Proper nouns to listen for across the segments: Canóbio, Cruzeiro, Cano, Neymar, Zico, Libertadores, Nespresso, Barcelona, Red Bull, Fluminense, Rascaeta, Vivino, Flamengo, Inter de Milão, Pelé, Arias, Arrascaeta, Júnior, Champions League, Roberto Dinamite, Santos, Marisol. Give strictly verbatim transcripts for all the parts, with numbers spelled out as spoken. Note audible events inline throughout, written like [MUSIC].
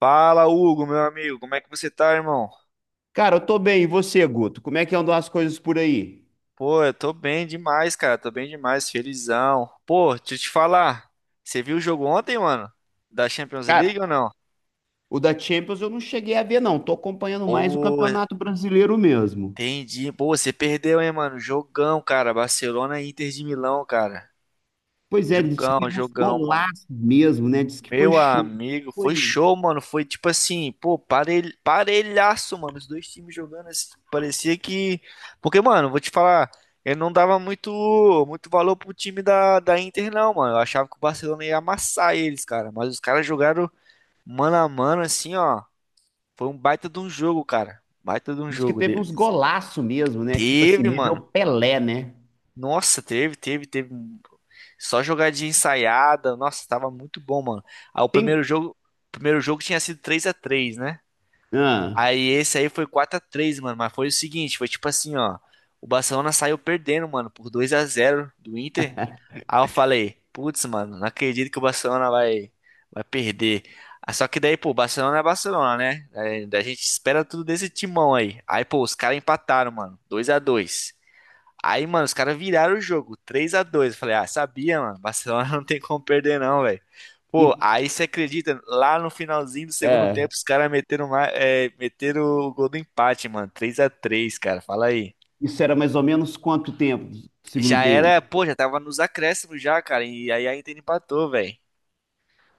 Fala, Hugo, meu amigo, como é que você tá, irmão? Cara, eu tô bem. E você, Guto? Como é que andam as coisas por aí? Pô, eu tô bem demais, cara, tô bem demais, felizão. Pô, deixa eu te falar, você viu o jogo ontem, mano? Da Champions Cara, League ou não? o da Champions eu não cheguei a ver, não. Tô acompanhando mais o Ô, Campeonato Brasileiro mesmo. entendi. Pô, você perdeu, hein, mano? Jogão, cara, Barcelona e Inter de Milão, cara. Pois é, diz que Jogão, teve uns jogão, mano. golaços mesmo, né? Diz que foi Meu show. amigo, foi Foi. show, mano. Foi tipo assim, pô, parelh... parelhaço, mano. Os dois times jogando assim, parecia que. Porque, mano, vou te falar, eu não dava muito, muito valor pro time da, da Inter, não, mano. Eu achava que o Barcelona ia amassar eles, cara. Mas os caras jogaram mano a mano, assim, ó. Foi um baita de um jogo, cara. Baita de um Diz que jogo teve uns deles. golaços mesmo, né? Tipo assim, Teve, nível mano. Pelé, né? Nossa, teve, teve, teve. um, Só jogadinha ensaiada. Nossa, tava muito bom, mano. Aí o Tem. primeiro jogo, o primeiro jogo tinha sido três a três, né? Ah, Aí esse aí foi quatro a três, mano. Mas foi o seguinte, foi tipo assim, ó. O Barcelona saiu perdendo, mano, por dois a zero do Inter. Aí eu falei, putz, mano, não acredito que o Barcelona vai, vai perder. Ah, só que daí, pô, o Barcelona é Barcelona, né? É, a gente espera tudo desse timão aí. Aí, pô, os caras empataram, mano, dois a dois. Aí, mano, os caras viraram o jogo, três a dois. Eu falei, ah, sabia, mano, Barcelona [LAUGHS] não tem como perder não, velho. e, Pô, aí você acredita, lá no finalzinho do segundo tempo, é, os caras meteram, ma- é, meteram o gol do empate, mano, três a três, cara, fala aí. isso era mais ou menos quanto tempo? Segundo Já era, tempo. pô, já tava nos acréscimos já, cara, e aí a Inter empatou, velho.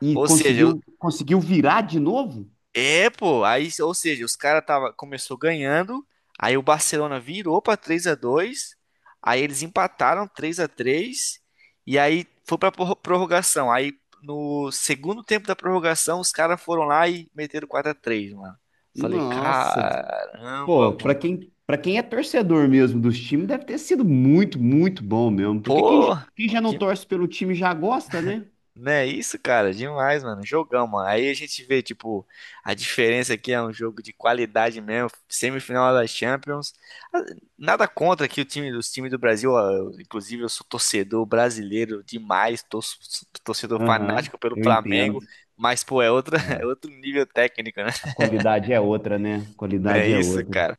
E Ou seja, conseguiu, conseguiu virar de novo? É, pô, aí, ou seja, os caras tava começou ganhando, aí o Barcelona virou pra três a dois, aí eles empataram três a três e aí foi pra prorro- prorrogação. Aí no segundo tempo da prorrogação, os caras foram lá e meteram quatro a três, mano. Falei, Nossa, caramba, pô, pra mano. quem, para quem é torcedor mesmo dos times, deve ter sido muito, muito bom mesmo. Porque quem, Pô, quem já não torce pelo time já gosta, né? né, isso, cara, demais, mano. Jogão, mano. Aí a gente vê, tipo, a diferença aqui é um jogo de qualidade mesmo, semifinal da Champions. Ah, nada contra aqui o time dos times do Brasil, ah, eu- inclusive eu sou torcedor brasileiro demais, torço- sou torcedor Aham, fanático pelo eu entendo. Flamengo, mas pô, é outra, [LAUGHS] é É. outro nível técnico, né? A qualidade é outra, né? A Não é qualidade é isso, outra. cara?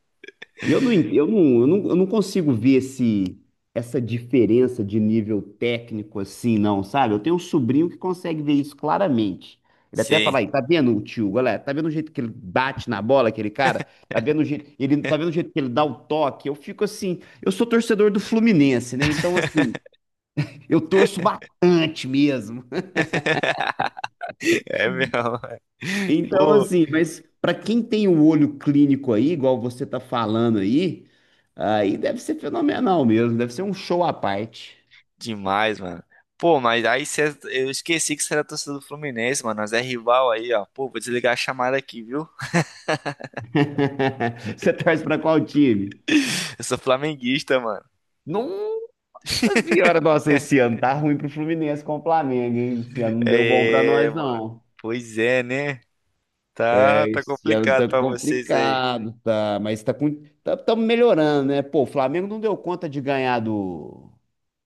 E eu não, en- eu não, eu não, Eu não consigo ver esse, essa diferença de nível técnico assim, não, sabe? Eu tenho um sobrinho que consegue ver isso claramente. Ele até Sim. fala aí, tá vendo o tio, galera? Tá vendo o jeito que ele bate na bola, aquele cara? Tá vendo o jeito, ele, tá vendo o jeito que ele dá o toque? Eu fico assim, eu sou torcedor do Fluminense, né? Então, assim, eu torço bastante mesmo. [LAUGHS] É mesmo. Então, Pô, assim, mas para quem tem o olho clínico aí, igual você tá falando aí, aí deve ser fenomenal mesmo, deve ser um show à parte. demais, mano. Pô, mas aí cê, eu esqueci que você era torcedor do Fluminense, mano. Nós é rival aí, ó. Pô, vou desligar a chamada aqui, viu? [LAUGHS] Você torce para qual time? [LAUGHS] Eu sou flamenguista, mano. Nossa senhora, nossa, esse ano tá ruim pro Fluminense com o Flamengo, hein? Esse ano não deu bom para É, nós, mano. não. Pois é, né? Tá, É, tá esse ano complicado tá pra vocês aí. complicado, tá, mas tá com, tá, tá melhorando, né? Pô, o Flamengo não deu conta de ganhar do,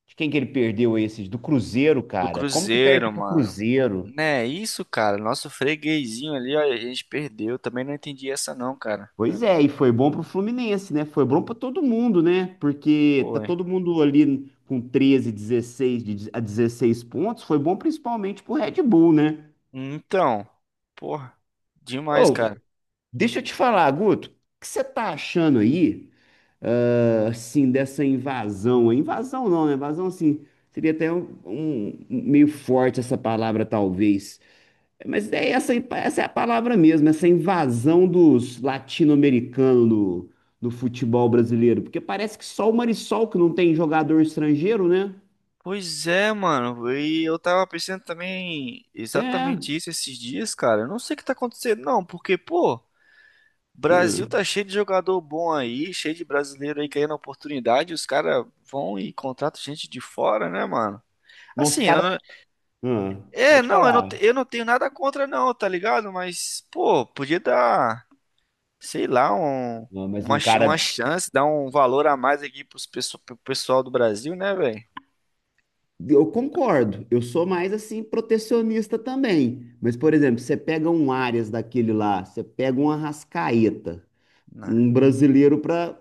de quem que ele perdeu esses? Do Cruzeiro, Do cara. Como que perde Cruzeiro, pro mano. Cruzeiro? Né, isso, cara. Nosso freguesinho ali, ó, a gente perdeu. Também não entendi essa não, cara. Pois é, e foi bom pro Fluminense, né? Foi bom pra todo mundo, né? Porque tá Foi. todo mundo ali com treze, dezesseis, de- a dezesseis pontos. Foi bom principalmente pro Red Bull, né? Então, porra, demais, cara. Ô, deixa eu te falar, Guto, o que você tá achando aí, ah, assim, dessa invasão aí? Invasão não, né? Invasão, assim, seria até um, um- meio forte essa palavra, talvez. Mas é essa, essa é a palavra mesmo, essa invasão dos latino-americanos no, no futebol brasileiro. Porque parece que só o Marisol que não tem jogador estrangeiro, né? Pois é, mano. E eu tava pensando também É. exatamente isso esses dias, cara. Eu não sei o que tá acontecendo, não, porque, pô, É. Brasil tá cheio de jogador bom aí, cheio de brasileiro aí querendo oportunidade. Os caras vão e contratam gente de fora, né, mano? Mas os Assim, eu não... caras. É, pode não, eu não, te- falar. eu não tenho nada contra, não, tá ligado? Mas, pô, podia dar, sei lá, um, Ah, mas uma, um ch- cara. uma chance, dar um valor a mais aqui pros pesso- pro pessoal do Brasil, né, velho? Eu concordo. Eu sou mais assim, protecionista também. Mas, por exemplo, você pega um Arias daquele lá, você pega um Arrascaeta, Não. um brasileiro para.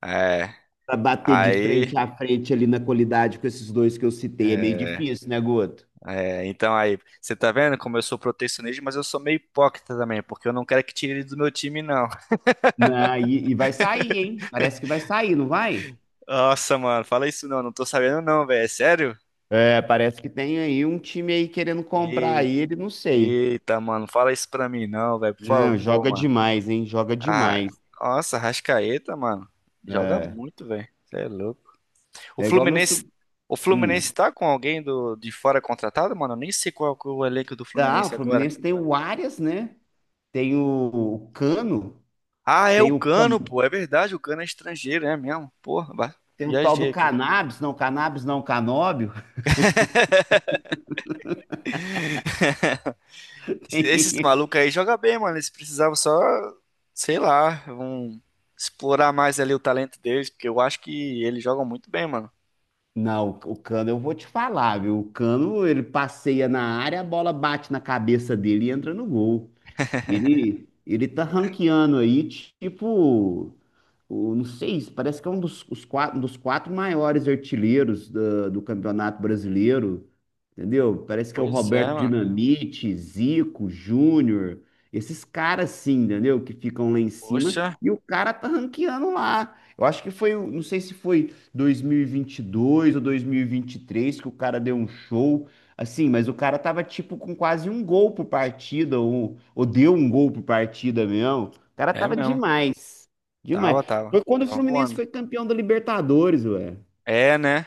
É, Para bater de aí. frente a frente ali na qualidade com esses dois que eu citei. É meio é, difícil, né, Guto? É, então aí, você tá vendo como eu sou protecionista, mas eu sou meio hipócrita também, porque eu não quero que tire ele do meu time, não. [LAUGHS] Na, e, e vai sair, hein? Parece que vai sair, não vai? Nossa, mano, fala isso não, não tô sabendo não, velho, é sério? É, parece que tem aí um time aí querendo comprar Ei- ele, não sei. Eita, mano, fala isso pra mim não, velho, por Não, favor, joga mano. demais, hein? Joga Ah, demais. nossa, Rascaeta, mano, joga É, muito, velho, você é louco. O é igual meu. Fluminense, Sub... o Hum. Fluminense tá com alguém do, de fora contratado, mano? Eu nem sei qual que é o elenco do Tá, o Fluminense agora. Fluminense tem o Arias, né? Tem o, o Cano, Ah, é o tem o, Can- Cano, pô, é verdade, o Cano é estrangeiro, é mesmo, porra, ba- tem o tal do viajei aqui. Cannabis, não, Cannabis não, Canóbio. [LAUGHS] Esses Tem. malucos aí jogam bem, mano. Eles precisavam só, sei lá, um, explorar mais ali o talento deles, porque eu acho que eles jogam muito bem, mano. Não, o Cano eu vou te falar, viu? O Cano ele passeia na área, a bola bate na cabeça dele e entra no gol. Ele, ele tá ranqueando aí, tipo o, não sei, parece que é um dos, os quatro, um dos quatro maiores artilheiros da- do Campeonato Brasileiro, entendeu? Parece que é o Pois é, Roberto mano. Dinamite, Zico, Júnior, esses caras assim, entendeu? Que ficam lá em cima Poxa, e o cara tá ranqueando lá. Eu acho que foi, o- não sei se foi dois mil e vinte e dois ou dois mil e vinte e três que o cara deu um show. Assim, mas o cara tava tipo com quase um gol por partida, ou, ou deu um gol por partida mesmo. O cara é tava mesmo. demais. Demais. Tava, tava. Foi quando o Tava Fluminense voando. foi campeão da Libertadores, ué. É, né?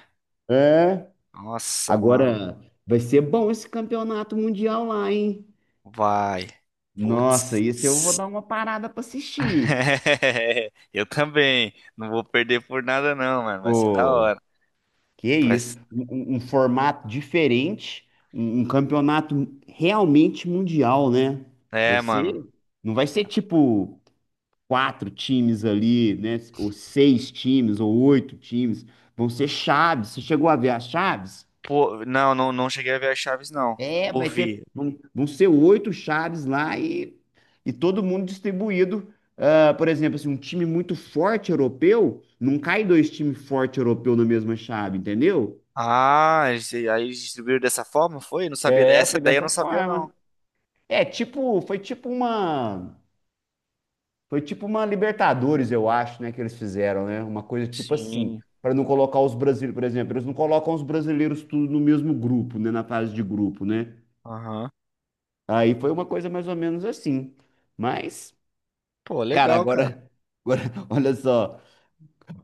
É. Nossa, mano. Agora vai ser bom esse campeonato mundial lá, hein? Vai. Nossa, Putz. isso eu vou dar uma parada pra assistir. [LAUGHS] Eu também. Não vou perder por nada, não, mano. Vai ser da Pô, hora. que Vai... isso? ser- Um, um- um formato diferente, um, um campeonato realmente mundial, né? Vai É, mano. ser, não vai ser tipo quatro times ali, né? Ou seis times, ou oito times. Vão ser chaves. Você chegou a ver as chaves? Pô, não, não, não cheguei a ver as chaves, não. É, vai ter, Ouvi. vão, vão ser oito chaves lá e, e todo mundo distribuído. Ah, por exemplo, assim, um time muito forte europeu, não cai dois times fortes europeus na mesma chave, entendeu? Ah, e aí eles distribuíram dessa forma, foi? Eu não sabia. É, Essa foi ideia eu dessa não sabia, não. forma. É, tipo, foi tipo uma, foi tipo uma Libertadores, eu acho, né, que eles fizeram, né? Uma coisa tipo assim, Sim. para não colocar os brasileiros, por exemplo, eles não colocam os brasileiros tudo no mesmo grupo, né, na fase de grupo, né? Aham. Aí foi uma coisa mais ou menos assim. Mas Pô, cara, legal, cara. agora, agora [LAUGHS] olha só,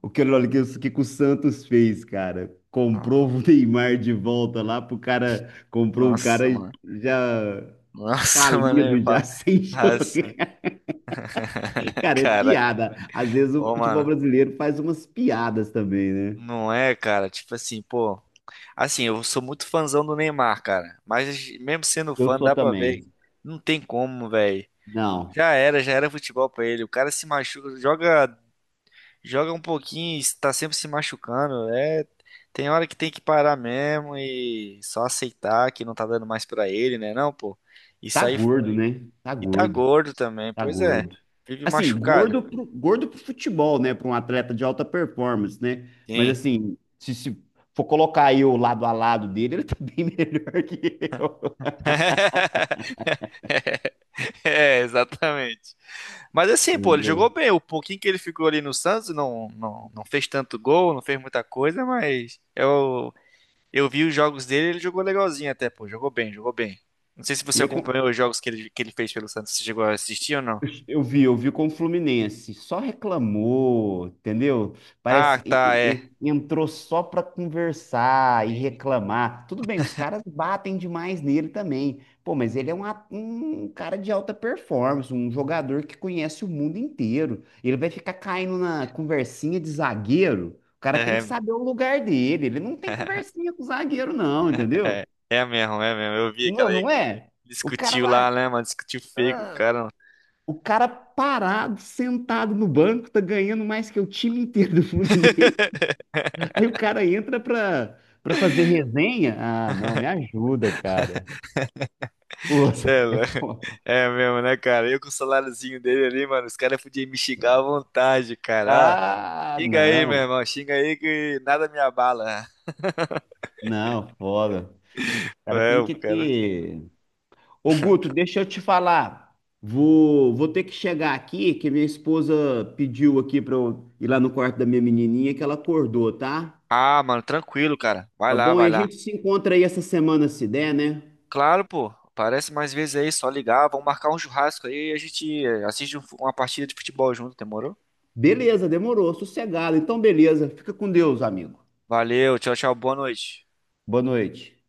o que, olha que, o que que o Santos fez, cara? Comprou No- o Neymar de volta lá pro cara, comprou o cara Nossa, mano. já Nossa, [LAUGHS] mano, eu falido, falo. já [LAUGHS] sem Ah, sim. jogar. [LAUGHS] Cara, é Caraca. piada. Às vezes o Ô, futebol mano. brasileiro faz umas piadas também, né? Não é, cara? Tipo assim, pô. Assim, eu sou muito fãzão do Neymar, cara. Mas mesmo sendo Eu fã, sou dá pra ver. também. Não tem como, velho. Não, Já era, já era futebol pra ele. O cara se machuca, joga joga um pouquinho, está sempre se machucando. É, tem hora que tem que parar mesmo e só aceitar que não tá dando mais pra ele, né? Não, pô. E tá sair fora. gordo, né? Tá E tá gordo. gordo também, Tá pois é. gordo. Vive Assim, machucado. gordo pro, gordo pro futebol, né? Para um atleta de alta performance, né? Mas Sim. assim, se, se for colocar eu lado a lado dele, ele tá [LAUGHS] bem melhor que eu. [LAUGHS] É, exatamente. Mas assim, pô, ele jogou Entendeu? bem. O pouquinho que ele ficou ali no Santos não, não, não fez tanto gol, não fez muita coisa, mas é o... Eu vi os jogos dele, ele jogou legalzinho até, pô. Jogou bem, jogou bem. Não sei se E você eu, con- acompanhou os jogos que ele, que ele fez pelo Santos. Você chegou a assistir ou não? Eu eu vi, eu vi com o Fluminense, só reclamou, entendeu? Parece Ah, que tá, é. e- e- entrou só para conversar e reclamar. Tudo bem, os caras batem demais nele também. Pô, mas ele é um, a- um cara de alta performance, um jogador que conhece o mundo inteiro. Ele vai ficar caindo na conversinha de zagueiro. O cara tem que É, saber o lugar dele. Ele não tem [LAUGHS] conversinha com o zagueiro, não, entendeu? é, é mesmo, é mesmo. Eu vi aquela Não, aí não que é? O cara discutiu lá, lá. né, mano? Discutiu feio com o cara, mano. O cara parado, sentado no banco, tá ganhando mais que o time inteiro do Fluminense. [LAUGHS] [LAUGHS] Aí o cara entra pra, pra fazer resenha. Ah, não, me ajuda, cara. Pô, Cê [LAUGHS] é foda. É é mesmo, né, cara? Eu com o saláriozinho dele ali, mano, os caras podiam me xingar à vontade, cara. Ó, Ah, xinga aí, meu não, irmão. Xinga aí que nada me abala. não, foda. O cara É, tem o que cara. ter. Ô, Guto, deixa eu te falar. Vou, vou ter que chegar aqui, que minha esposa pediu aqui pra eu ir lá no quarto da minha menininha, que ela acordou, tá? Ah, mano, tranquilo, cara. Vai Tá lá, bom? E vai a lá. gente se encontra aí essa semana, se der, né? Claro, pô. Aparece mais vezes aí, só ligar. Vamos marcar um churrasco aí e a gente eh, assiste um fu- uma partida de futebol junto, demorou? Beleza, demorou, sossegado. Então, beleza. Fica com Deus, amigo. Valeu, tchau, tchau, boa noite. Boa noite.